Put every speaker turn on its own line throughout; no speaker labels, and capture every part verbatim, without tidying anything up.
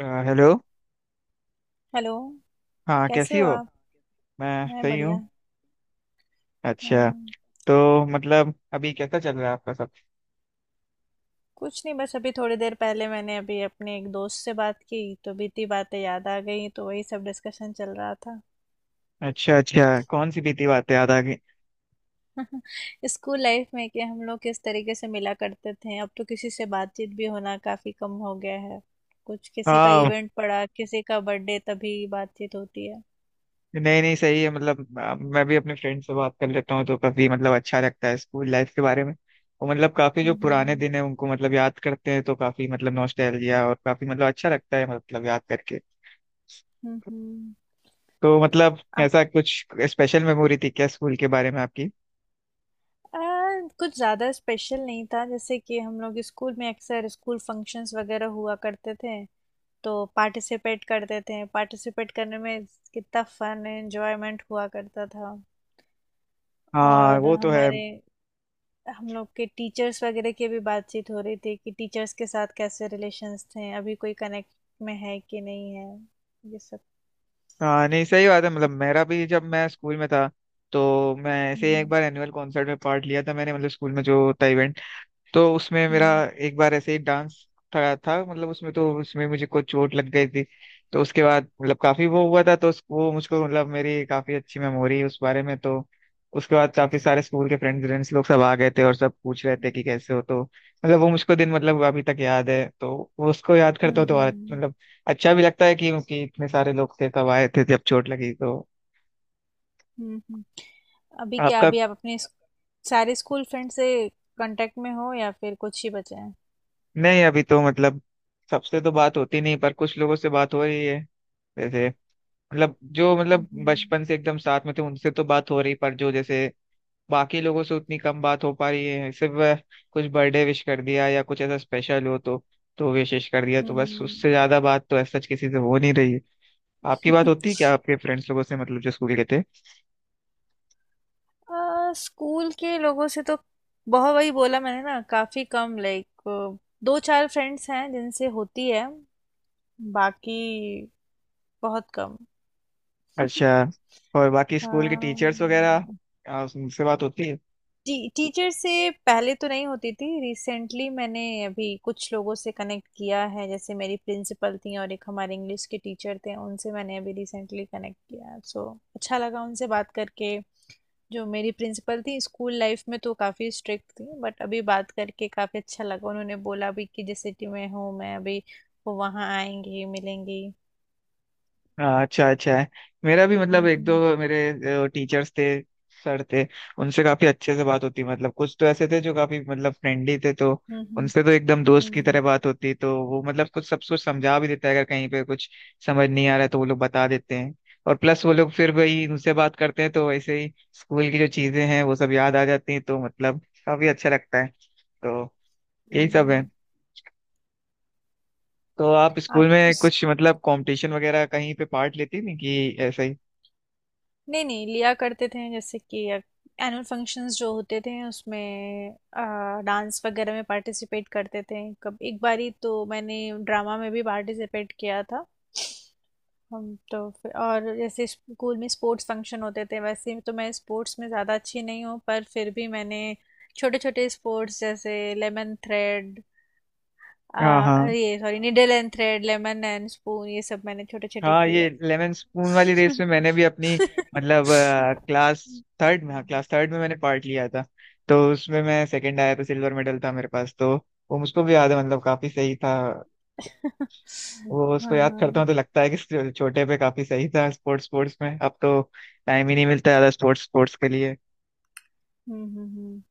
अ, hello.
Hello.
हाँ, कैसी
कैसे हो
हो।
आप।
मैं
मैं
सही
बढ़िया।
हूँ। अच्छा।
हाँ,
तो मतलब अभी कैसा चल रहा है आपका सब।
कुछ नहीं, बस अभी थोड़ी देर पहले मैंने अभी अपने एक दोस्त से बात की, तो बीती बातें याद आ गई, तो वही सब डिस्कशन चल रहा था।
अच्छा अच्छा, कौन सी बीती बातें याद आ गई।
स्कूल लाइफ में कि हम लोग किस तरीके से मिला करते थे, अब तो किसी से बातचीत भी होना काफी कम हो गया है। कुछ किसी का
हाँ।
इवेंट पड़ा, किसी का बर्थडे, तभी बातचीत होती है।
नहीं नहीं सही है मतलब अ, मैं भी अपने फ्रेंड से बात कर लेता हूँ तो काफी मतलब अच्छा लगता है स्कूल लाइफ के बारे में। और मतलब काफी जो पुराने
हम्म।
दिन है उनको मतलब याद करते हैं तो काफी मतलब नॉस्टैल्जिया और काफी मतलब अच्छा लगता है मतलब याद करके।
हम्म।
तो मतलब
आप।
ऐसा कुछ स्पेशल मेमोरी थी क्या स्कूल के बारे में आपकी।
आ, कुछ ज़्यादा स्पेशल नहीं था, जैसे कि हम लोग स्कूल में अक्सर स्कूल फंक्शंस वगैरह हुआ करते थे, तो पार्टिसिपेट करते थे, पार्टिसिपेट करने में कितना फन एंजॉयमेंट हुआ करता था।
हाँ
और
वो तो है।
हमारे हम लोग के टीचर्स वगैरह की भी बातचीत हो रही थी कि टीचर्स के साथ कैसे रिलेशंस थे, अभी कोई कनेक्ट में है कि नहीं है, ये सब।
हाँ, नहीं सही बात है मतलब मेरा भी जब मैं स्कूल में था तो मैं ऐसे ही एक
हम्म।
बार एनुअल कॉन्सर्ट में पार्ट लिया था मैंने, मतलब स्कूल में जो होता, तो उसमें मेरा
हम्म।
एक बार ऐसे ही डांस था, था मतलब उसमें, तो उसमें मुझे कुछ चोट लग गई थी। तो उसके बाद मतलब काफी वो हुआ था तो उस, वो मुझको मतलब मेरी काफी अच्छी मेमोरी है उस बारे में। तो उसके बाद काफी सारे स्कूल के फ्रेंड्स फ्रेंड्स लोग सब आ गए थे और सब पूछ रहे थे कि कैसे हो, तो मतलब वो मुझको दिन मतलब अभी तक याद है। तो वो उसको याद करता हूँ तो और
हम्म।
मतलब अच्छा भी लगता है कि, कि इतने सारे लोग थे सब आए थे जब चोट लगी तो।
हम्म। हम्म। अभी क्या,
आपका।
अभी आप अपने स्क- सारे स्कूल फ्रेंड से कांटेक्ट में हो या फिर कुछ ही बचे हैं।
नहीं अभी तो मतलब सबसे तो बात होती नहीं पर कुछ लोगों से बात हो रही है। जैसे मतलब जो मतलब
हम्म।
बचपन से एकदम साथ में थे उनसे तो बात हो रही, पर जो जैसे बाकी लोगों से उतनी कम बात हो पा रही है, सिर्फ अ, कुछ बर्थडे विश कर दिया या कुछ ऐसा स्पेशल हो तो तो विशेष कर दिया, तो बस उससे
हम्म।
ज्यादा बात तो ऐसा किसी से हो नहीं रही है। आपकी बात होती है क्या आपके फ्रेंड्स लोगों से मतलब जो स्कूल के थे।
आ, स्कूल के लोगों से तो बहुत, वही बोला मैंने ना, काफी कम, लाइक दो चार फ्रेंड्स हैं जिनसे होती है, बाकी बहुत कम।
अच्छा। और बाकी स्कूल के
हाँ।
टीचर्स वगैरह आ, उनसे बात होती है।
टी, टीचर से पहले तो नहीं होती थी, रिसेंटली मैंने अभी कुछ लोगों से कनेक्ट किया है, जैसे मेरी प्रिंसिपल थी और एक हमारे इंग्लिश के टीचर थे, उनसे मैंने अभी रिसेंटली कनेक्ट किया, सो अच्छा लगा उनसे बात करके। जो मेरी प्रिंसिपल थी स्कूल लाइफ में तो काफ़ी स्ट्रिक्ट थी, बट अभी बात करके काफ़ी अच्छा लगा, उन्होंने बोला भी कि जिस सिटी में हूँ मैं अभी, वो वहाँ आएंगी मिलेंगी।
हाँ अच्छा, अच्छा है। मेरा भी
हम्म।
मतलब एक
हम्म।
दो मेरे टीचर्स थे, सर थे। उनसे काफी अच्छे से बात होती मतलब, कुछ तो ऐसे थे जो काफी मतलब फ्रेंडली थे तो
हम्म। हम्म।
उनसे तो एकदम दोस्त की
हम्म,
तरह बात होती। तो वो मतलब कुछ सब कुछ समझा भी देता है अगर कहीं पे कुछ समझ नहीं आ रहा है तो वो लोग बता देते हैं। और प्लस वो लोग फिर वही उनसे बात करते हैं तो वैसे ही स्कूल की जो चीजें हैं वो सब याद आ जाती हैं तो मतलब काफी अच्छा लगता है। तो यही सब है।
हम्म।
तो आप स्कूल
आप।
में कुछ मतलब कंपटीशन वगैरह कहीं पे पार्ट लेती थी कि ऐसा ही।
नहीं, नहीं, लिया करते थे, जैसे कि एनुअल फंक्शंस जो होते थे उसमें डांस वगैरह में पार्टिसिपेट करते थे। कब एक बारी तो मैंने ड्रामा में भी पार्टिसिपेट किया था। हम तो फिर, और जैसे स्कूल में स्पोर्ट्स फंक्शन होते थे, वैसे तो मैं स्पोर्ट्स में ज़्यादा अच्छी नहीं हूँ, पर फिर भी मैंने छोटे छोटे स्पोर्ट्स जैसे लेमन थ्रेड,
हाँ हाँ
ये sorry, needle and thread, lemon and spoon, ये सब मैंने छोटे छोटे
हाँ, ये
किए
लेमन स्पून वाली रेस
हैं।
में मैंने भी अपनी मतलब क्लास
हुँ।
थर्ड में, हाँ, क्लास थर्ड में मैंने पार्ट लिया था। तो उसमें मैं सेकंड आया था, सिल्वर मेडल था मेरे पास। तो वो मुझको भी याद है मतलब, काफी सही था। वो उसको
हाँ,
याद करता हूँ
हाँ।
तो लगता है कि छो- छोटे पे काफी सही था स्पोर्ट्स स्पोर्ट्स में। अब तो टाइम ही नहीं मिलता ज्यादा स्पोर्ट्स स्पोर्ट्स के लिए।
हुँ, हुँ, हुँ।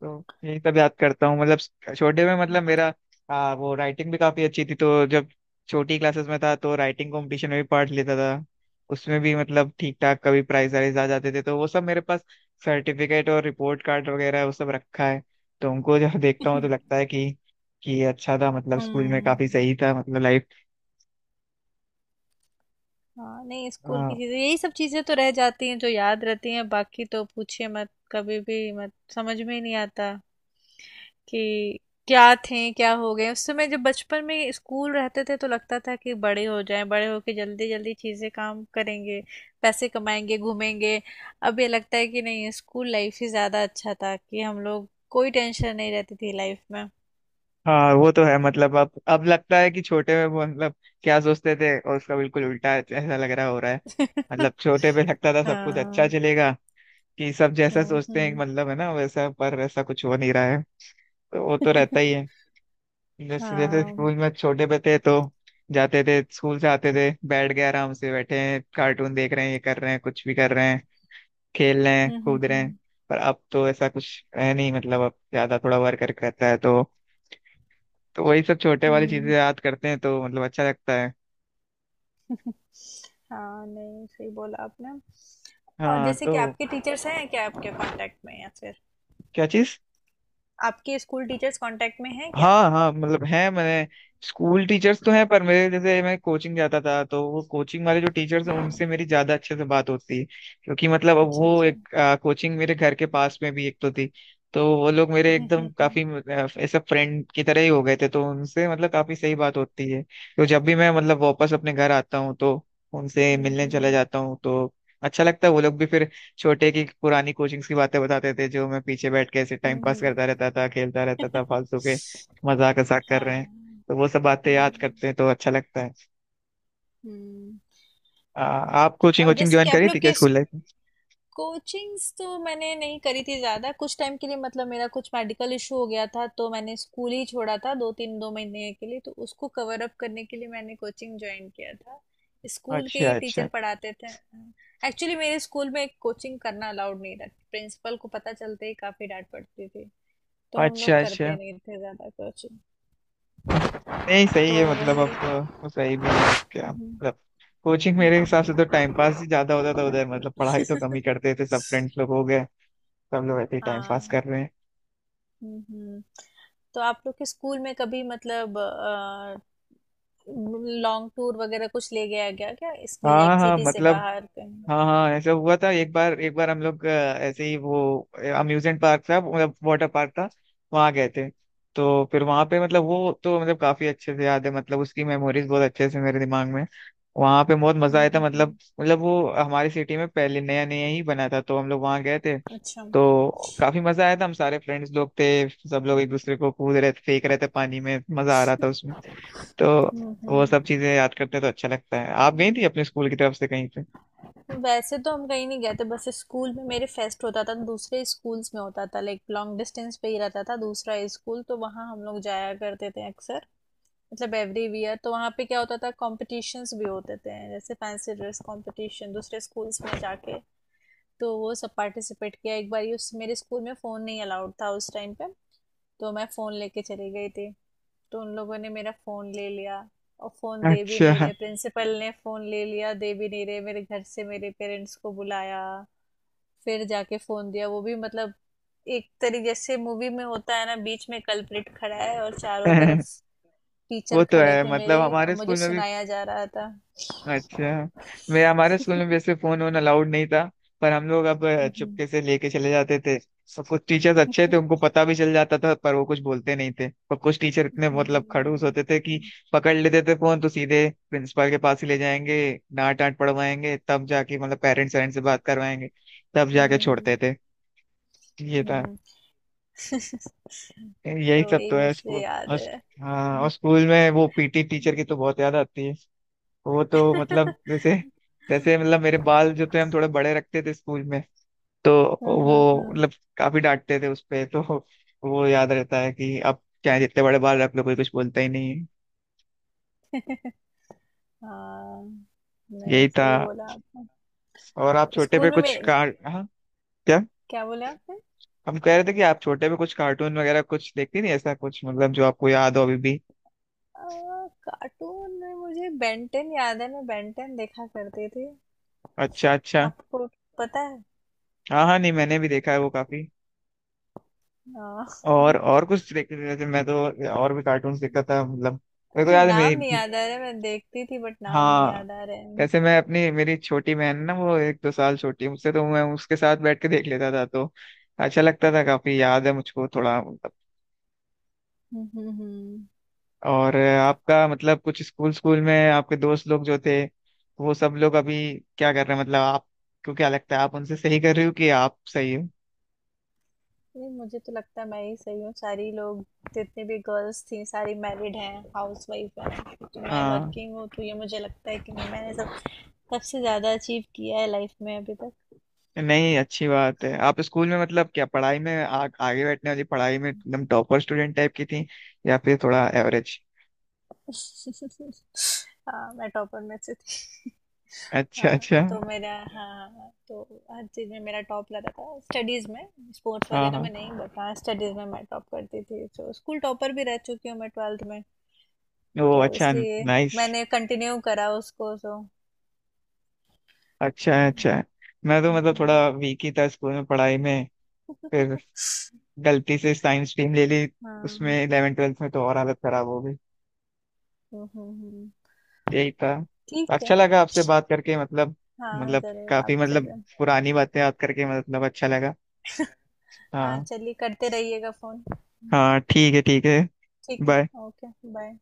तो यही सब याद करता हूँ मतलब छोटे में मतलब मेरा आ, वो राइटिंग भी काफी अच्छी थी, तो जब छोटी क्लासेस में था तो राइटिंग कंपटीशन में भी पार्ट लेता था। उसमें भी मतलब ठीक ठाक कभी प्राइज वाइज आ जाते थे, तो वो सब मेरे पास सर्टिफिकेट और रिपोर्ट कार्ड वगैरह वो सब रखा है। तो उनको जब देखता हूँ तो लगता है कि कि अच्छा था मतलब स्कूल में काफी
हुँ।
सही था मतलब लाइफ।
हाँ, नहीं, स्कूल की
हाँ।
चीज़ें, यही सब चीज़ें तो रह जाती हैं जो याद रहती हैं, बाकी तो पूछिए मत, कभी भी मत, समझ में ही नहीं आता कि क्या थे क्या हो गए। उस समय जब बचपन में स्कूल रहते थे तो लगता था कि बड़े हो जाएं, बड़े होके जल्दी जल्दी चीज़ें काम करेंगे, पैसे कमाएंगे, घूमेंगे। अब ये लगता है कि नहीं, स्कूल लाइफ ही ज़्यादा अच्छा था, कि हम लोग, कोई टेंशन नहीं रहती थी लाइफ में।
हाँ वो तो है मतलब अब अब लगता है कि छोटे में वो मतलब क्या सोचते थे और उसका बिल्कुल उल्टा ऐसा लग रहा हो रहा है। मतलब छोटे पे लगता था सब कुछ अच्छा
हाँ।
चलेगा, कि सब जैसा
हम्म।
सोचते हैं
हम्म,
मतलब है ना वैसा, पर वैसा कुछ हो नहीं रहा है। तो वो तो रहता ही है। जैसे जैसे
हाँ। हम्म।
स्कूल में छोटे पे थे तो जाते थे स्कूल से, आते थे बैठ गए आराम से, बैठे हैं कार्टून देख रहे हैं, ये कर रहे हैं, कुछ भी कर रहे हैं, खेल रहे हैं
हम्म।
कूद रहे हैं।
हम्म,
पर अब तो ऐसा कुछ है नहीं मतलब, अब ज्यादा थोड़ा वर्क रहता है तो तो वही सब छोटे वाली चीजें
हम्म,
याद करते हैं तो मतलब अच्छा लगता है।
हाँ, नहीं, सही बोला आपने। और
हाँ
जैसे कि
तो।
आपके टीचर्स हैं क्या आपके कांटेक्ट में, या फिर
क्या चीज।
आपके स्कूल टीचर्स कांटेक्ट में हैं क्या।
हाँ हाँ मतलब है, मैंने स्कूल टीचर्स तो हैं, पर मेरे जैसे मैं कोचिंग जाता था तो वो कोचिंग वाले जो टीचर्स हैं
हम्म,
उनसे मेरी ज्यादा अच्छे से बात होती है, क्योंकि मतलब अब
अच्छा
वो
अच्छा।
एक
हम्म।
कोचिंग मेरे घर के पास में भी एक तो थी। तो वो लोग मेरे एकदम
हम्म।
काफी अ, ऐसा फ्रेंड की तरह ही हो गए थे तो उनसे मतलब काफी सही बात होती है। तो जब भी मैं मतलब वापस अपने घर आता हूँ तो उनसे
हम्म।
मिलने चला
हम्म।
जाता हूँ तो अच्छा लगता है। वो लोग भी फिर छोटे की पुरानी कोचिंग्स की बातें बताते थे जो मैं पीछे बैठ के ऐसे टाइम पास
हम्म,
करता रहता था, खेलता रहता था
हम्म।
फालतू के मजाक वजाक कर रहे हैं।
हाँ।
तो वो सब बातें याद
हम्म।
करते हैं तो अच्छा लगता है।
हम्म,
आ, आप
अच्छा,
कोचिंग
और
वोचिंग
जैसे कि
ज्वाइन
आप
करी
लोग
थी क्या
किस।
स्कूल लाइफ में।
कोचिंग्स तो मैंने नहीं करी थी ज़्यादा, कुछ टाइम के लिए, मतलब मेरा कुछ मेडिकल इशू हो गया था तो मैंने स्कूल ही छोड़ा था दो तीन, दो महीने के लिए, तो उसको कवर अप करने के लिए मैंने कोचिंग ज्वाइन किया था। स्कूल के
अच्छा
ही
अच्छा।
टीचर पढ़ाते थे। एक्चुअली मेरे स्कूल में कोचिंग करना अलाउड नहीं था, प्रिंसिपल को पता चलते ही काफ़ी डांट पड़ती थी, तो हम लोग
अच्छा
करते
अच्छा।
नहीं थे ज़्यादा कोचिंग।
नहीं सही
तो
है मतलब
वही।
अब वो सही भी है क्या
हम्म,
मतलब कोचिंग मेरे हिसाब से तो
हम्म।
टाइम पास ही ज्यादा होता था उधर, मतलब पढ़ाई तो कम ही करते थे, सब फ्रेंड्स लोग हो गए सब लोग ऐसे ही टाइम पास
हाँ।
कर रहे हैं।
हम्म। हम्म। तो आप लोग के स्कूल में कभी मतलब लॉन्ग टूर वगैरह कुछ ले गया गया क्या, इस
हाँ हाँ
लाइक
हाँ,
सिटी से
मतलब
बाहर कहीं।
हाँ हाँ ऐसा हुआ था। एक बार एक बार हम लोग अ, ऐसे ही वो अम्यूजमेंट पार्क था मतलब वाटर पार्क था, वहाँ गए थे। तो फिर वहाँ पे मतलब वो तो मतलब काफी अच्छे से याद है मतलब उसकी मेमोरीज बहुत अच्छे से मेरे दिमाग में। वहाँ पे बहुत मजा
हम्म।
आया था
हम्म।
मतलब,
हम्म।
मतलब वो हमारी सिटी में पहले नया नया ही बना था तो हम लोग वहाँ गए थे।
अच्छा।
तो काफी मजा आया था, हम सारे फ्रेंड्स लोग थे, सब लोग एक दूसरे को कूद रहे थे फेंक रहे थे पानी में, मजा आ रहा था उसमें। तो
हम्म।
वो सब
हम्म।
चीजें याद करते हैं तो अच्छा लगता है। आप गई थी अपने स्कूल की तरफ से कहीं पे।
वैसे तो हम कहीं नहीं गए थे, बस स्कूल में मेरे फेस्ट होता था, दूसरे स्कूल्स में होता था, लाइक लॉन्ग डिस्टेंस पे ही रहता था दूसरा स्कूल, तो वहाँ हम लोग जाया करते थे अक्सर। मतलब एवरी ईयर तो वहाँ पे क्या होता था, कॉम्पिटिशन्स भी होते थे, जैसे फैंसी ड्रेस कॉम्पिटिशन, दूसरे स्कूल्स में जाके, तो वो सब पार्टिसिपेट किया। एक बार ये, उस मेरे स्कूल में फ़ोन नहीं अलाउड था उस टाइम पे, तो मैं फ़ोन लेके चली गई थी, तो उन लोगों ने मेरा फ़ोन ले लिया, और फ़ोन दे भी नहीं
अच्छा।
रहे, प्रिंसिपल ने फ़ोन ले लिया, दे भी नहीं रहे, मेरे घर से मेरे पेरेंट्स को बुलाया, फिर जाके फ़ोन दिया। वो भी मतलब एक तरीके से, मूवी में होता है ना, बीच में कल्प्रिट खड़ा है और चारों तरफ टीचर
वो तो
खड़े
है
थे
मतलब
मेरे,
हमारे
मुझे
स्कूल में भी।
सुनाया जा रहा था।
अच्छा। मेरे हमारे स्कूल में वैसे फोन वोन अलाउड नहीं था, पर हम लोग अब अ,
हम्म,
चुपके से लेके चले जाते थे सब कुछ। टीचर्स अच्छे
हम्म,
थे, उनको पता भी चल जाता था पर वो कुछ बोलते नहीं थे, पर कुछ टीचर इतने मतलब खड़ूस होते थे कि
हम्म।
पकड़ लेते थे फोन तो सीधे प्रिंसिपल के पास ही ले जाएंगे, डांट डांट पड़वाएंगे तब जाके मतलब पेरेंट्स वेरेंट्स से बात करवाएंगे, तब जाके
हम्म
छोड़ते थे।
हम्म,
ये था।
हम्म।
यही
तो
सब
वही
तो है
मुझे
स्कूल
याद
और-।
है।
हाँ और
हम्म।
स्कूल में वो पीटी टीचर की तो बहुत याद आती है। वो तो मतलब
हम्म।
जैसे जैसे मतलब मेरे बाल जो थे हम थोड़े बड़े रखते थे स्कूल में तो
हम्म।
वो
हम्म।
मतलब काफी डांटते थे उस पे। तो वो याद रहता है कि अब क्या है, जितने बड़े बाल रख लो कोई कुछ बोलता ही नहीं है।
हाँ, नहीं,
यही था।
सही बोला आपने।
और आप छोटे पे
स्कूल में मैं,
कुछ कार, हाँ। क्या।
क्या बोले आपने।
हम कह रहे थे कि आप छोटे पे कुछ कार्टून वगैरह कुछ देखती थी ऐसा कुछ मतलब जो आपको याद हो अभी भी।
आ, कार्टून में मुझे बेंटेन याद है, मैं बेंटेन देखा करती थी,
अच्छा अच्छा।
आपको पता है।
हाँ हाँ, नहीं मैंने भी देखा है वो, काफी।
हाँ।
और और कुछ देखते थे जैसे मैं तो और भी कार्टून देखता था मतलब। मेरे को
मुझे
याद है
नाम नहीं
मेरी,
याद आ रहा है, मैं देखती थी बट नाम नहीं
हाँ।
याद आ रहे हैं।
वैसे मैं अपनी, मेरी छोटी बहन है ना वो एक दो साल छोटी है मुझसे तो मैं उसके साथ बैठ के देख लेता था, तो अच्छा लगता था, काफी याद है मुझको थोड़ा मतलब।
हम्म। हम्म, हम्म।
और आपका मतलब कुछ स्कूल स्कूल में आपके दोस्त लोग जो थे वो सब लोग अभी क्या कर रहे हैं, मतलब आपको क्या लगता है आप उनसे सही कर रही हो कि आप सही हो।
नहीं, मुझे तो लगता है मैं ही सही हूँ, सारी लोग जितने भी गर्ल्स थी सारी मैरिड हैं, हाउस वाइफ हैं, तो मैं
हाँ।
वर्किंग हूँ, तो ये मुझे लगता है कि मैंने सब सबसे ज्यादा अचीव किया है लाइफ में अभी तक।
नहीं अच्छी बात है। आप स्कूल में मतलब क्या पढ़ाई में आ, आगे बैठने वाली पढ़ाई में एकदम टॉपर स्टूडेंट टाइप की थी या फिर थोड़ा एवरेज।
हाँ, मैं टॉपर में से थी।
अच्छा
हाँ
अच्छा।
तो मेरा, हाँ हाँ, हाँ, तो हर चीज़ में मेरा टॉप लगा था स्टडीज़ में, स्पोर्ट्स
हाँ
वगैरह
हाँ।
में नहीं, बट हाँ, स्टडीज़ में मैं टॉप करती थी, तो स्कूल टॉपर भी रह चुकी हूँ मैं ट्वेल्थ में।
वो
तो
अच्छा,
इसलिए
नाइस।
मैंने कंटिन्यू करा उसको,
अच्छा
सो
है, अच्छा है। मैं तो मतलब थोड़ा वीक ही था स्कूल में पढ़ाई में। फिर
हाँ।
गलती से साइंस स्ट्रीम ले ली उसमें, इलेवन ट्वेल्थ में तो और हालत खराब हो गई।
हम्म। हम्म, हम्म।
यही था।
ठीक
अच्छा
है।
लगा आपसे बात करके मतलब,
हाँ
मतलब
जरूर,
काफी
आपसे
मतलब
भी।
पुरानी बातें याद करके मतलब अच्छा लगा।
हाँ
हाँ।
चलिए, करते रहिएगा फोन।
हाँ ठीक है, ठीक है।
ठीक
बाय।
है। ओके। बाय।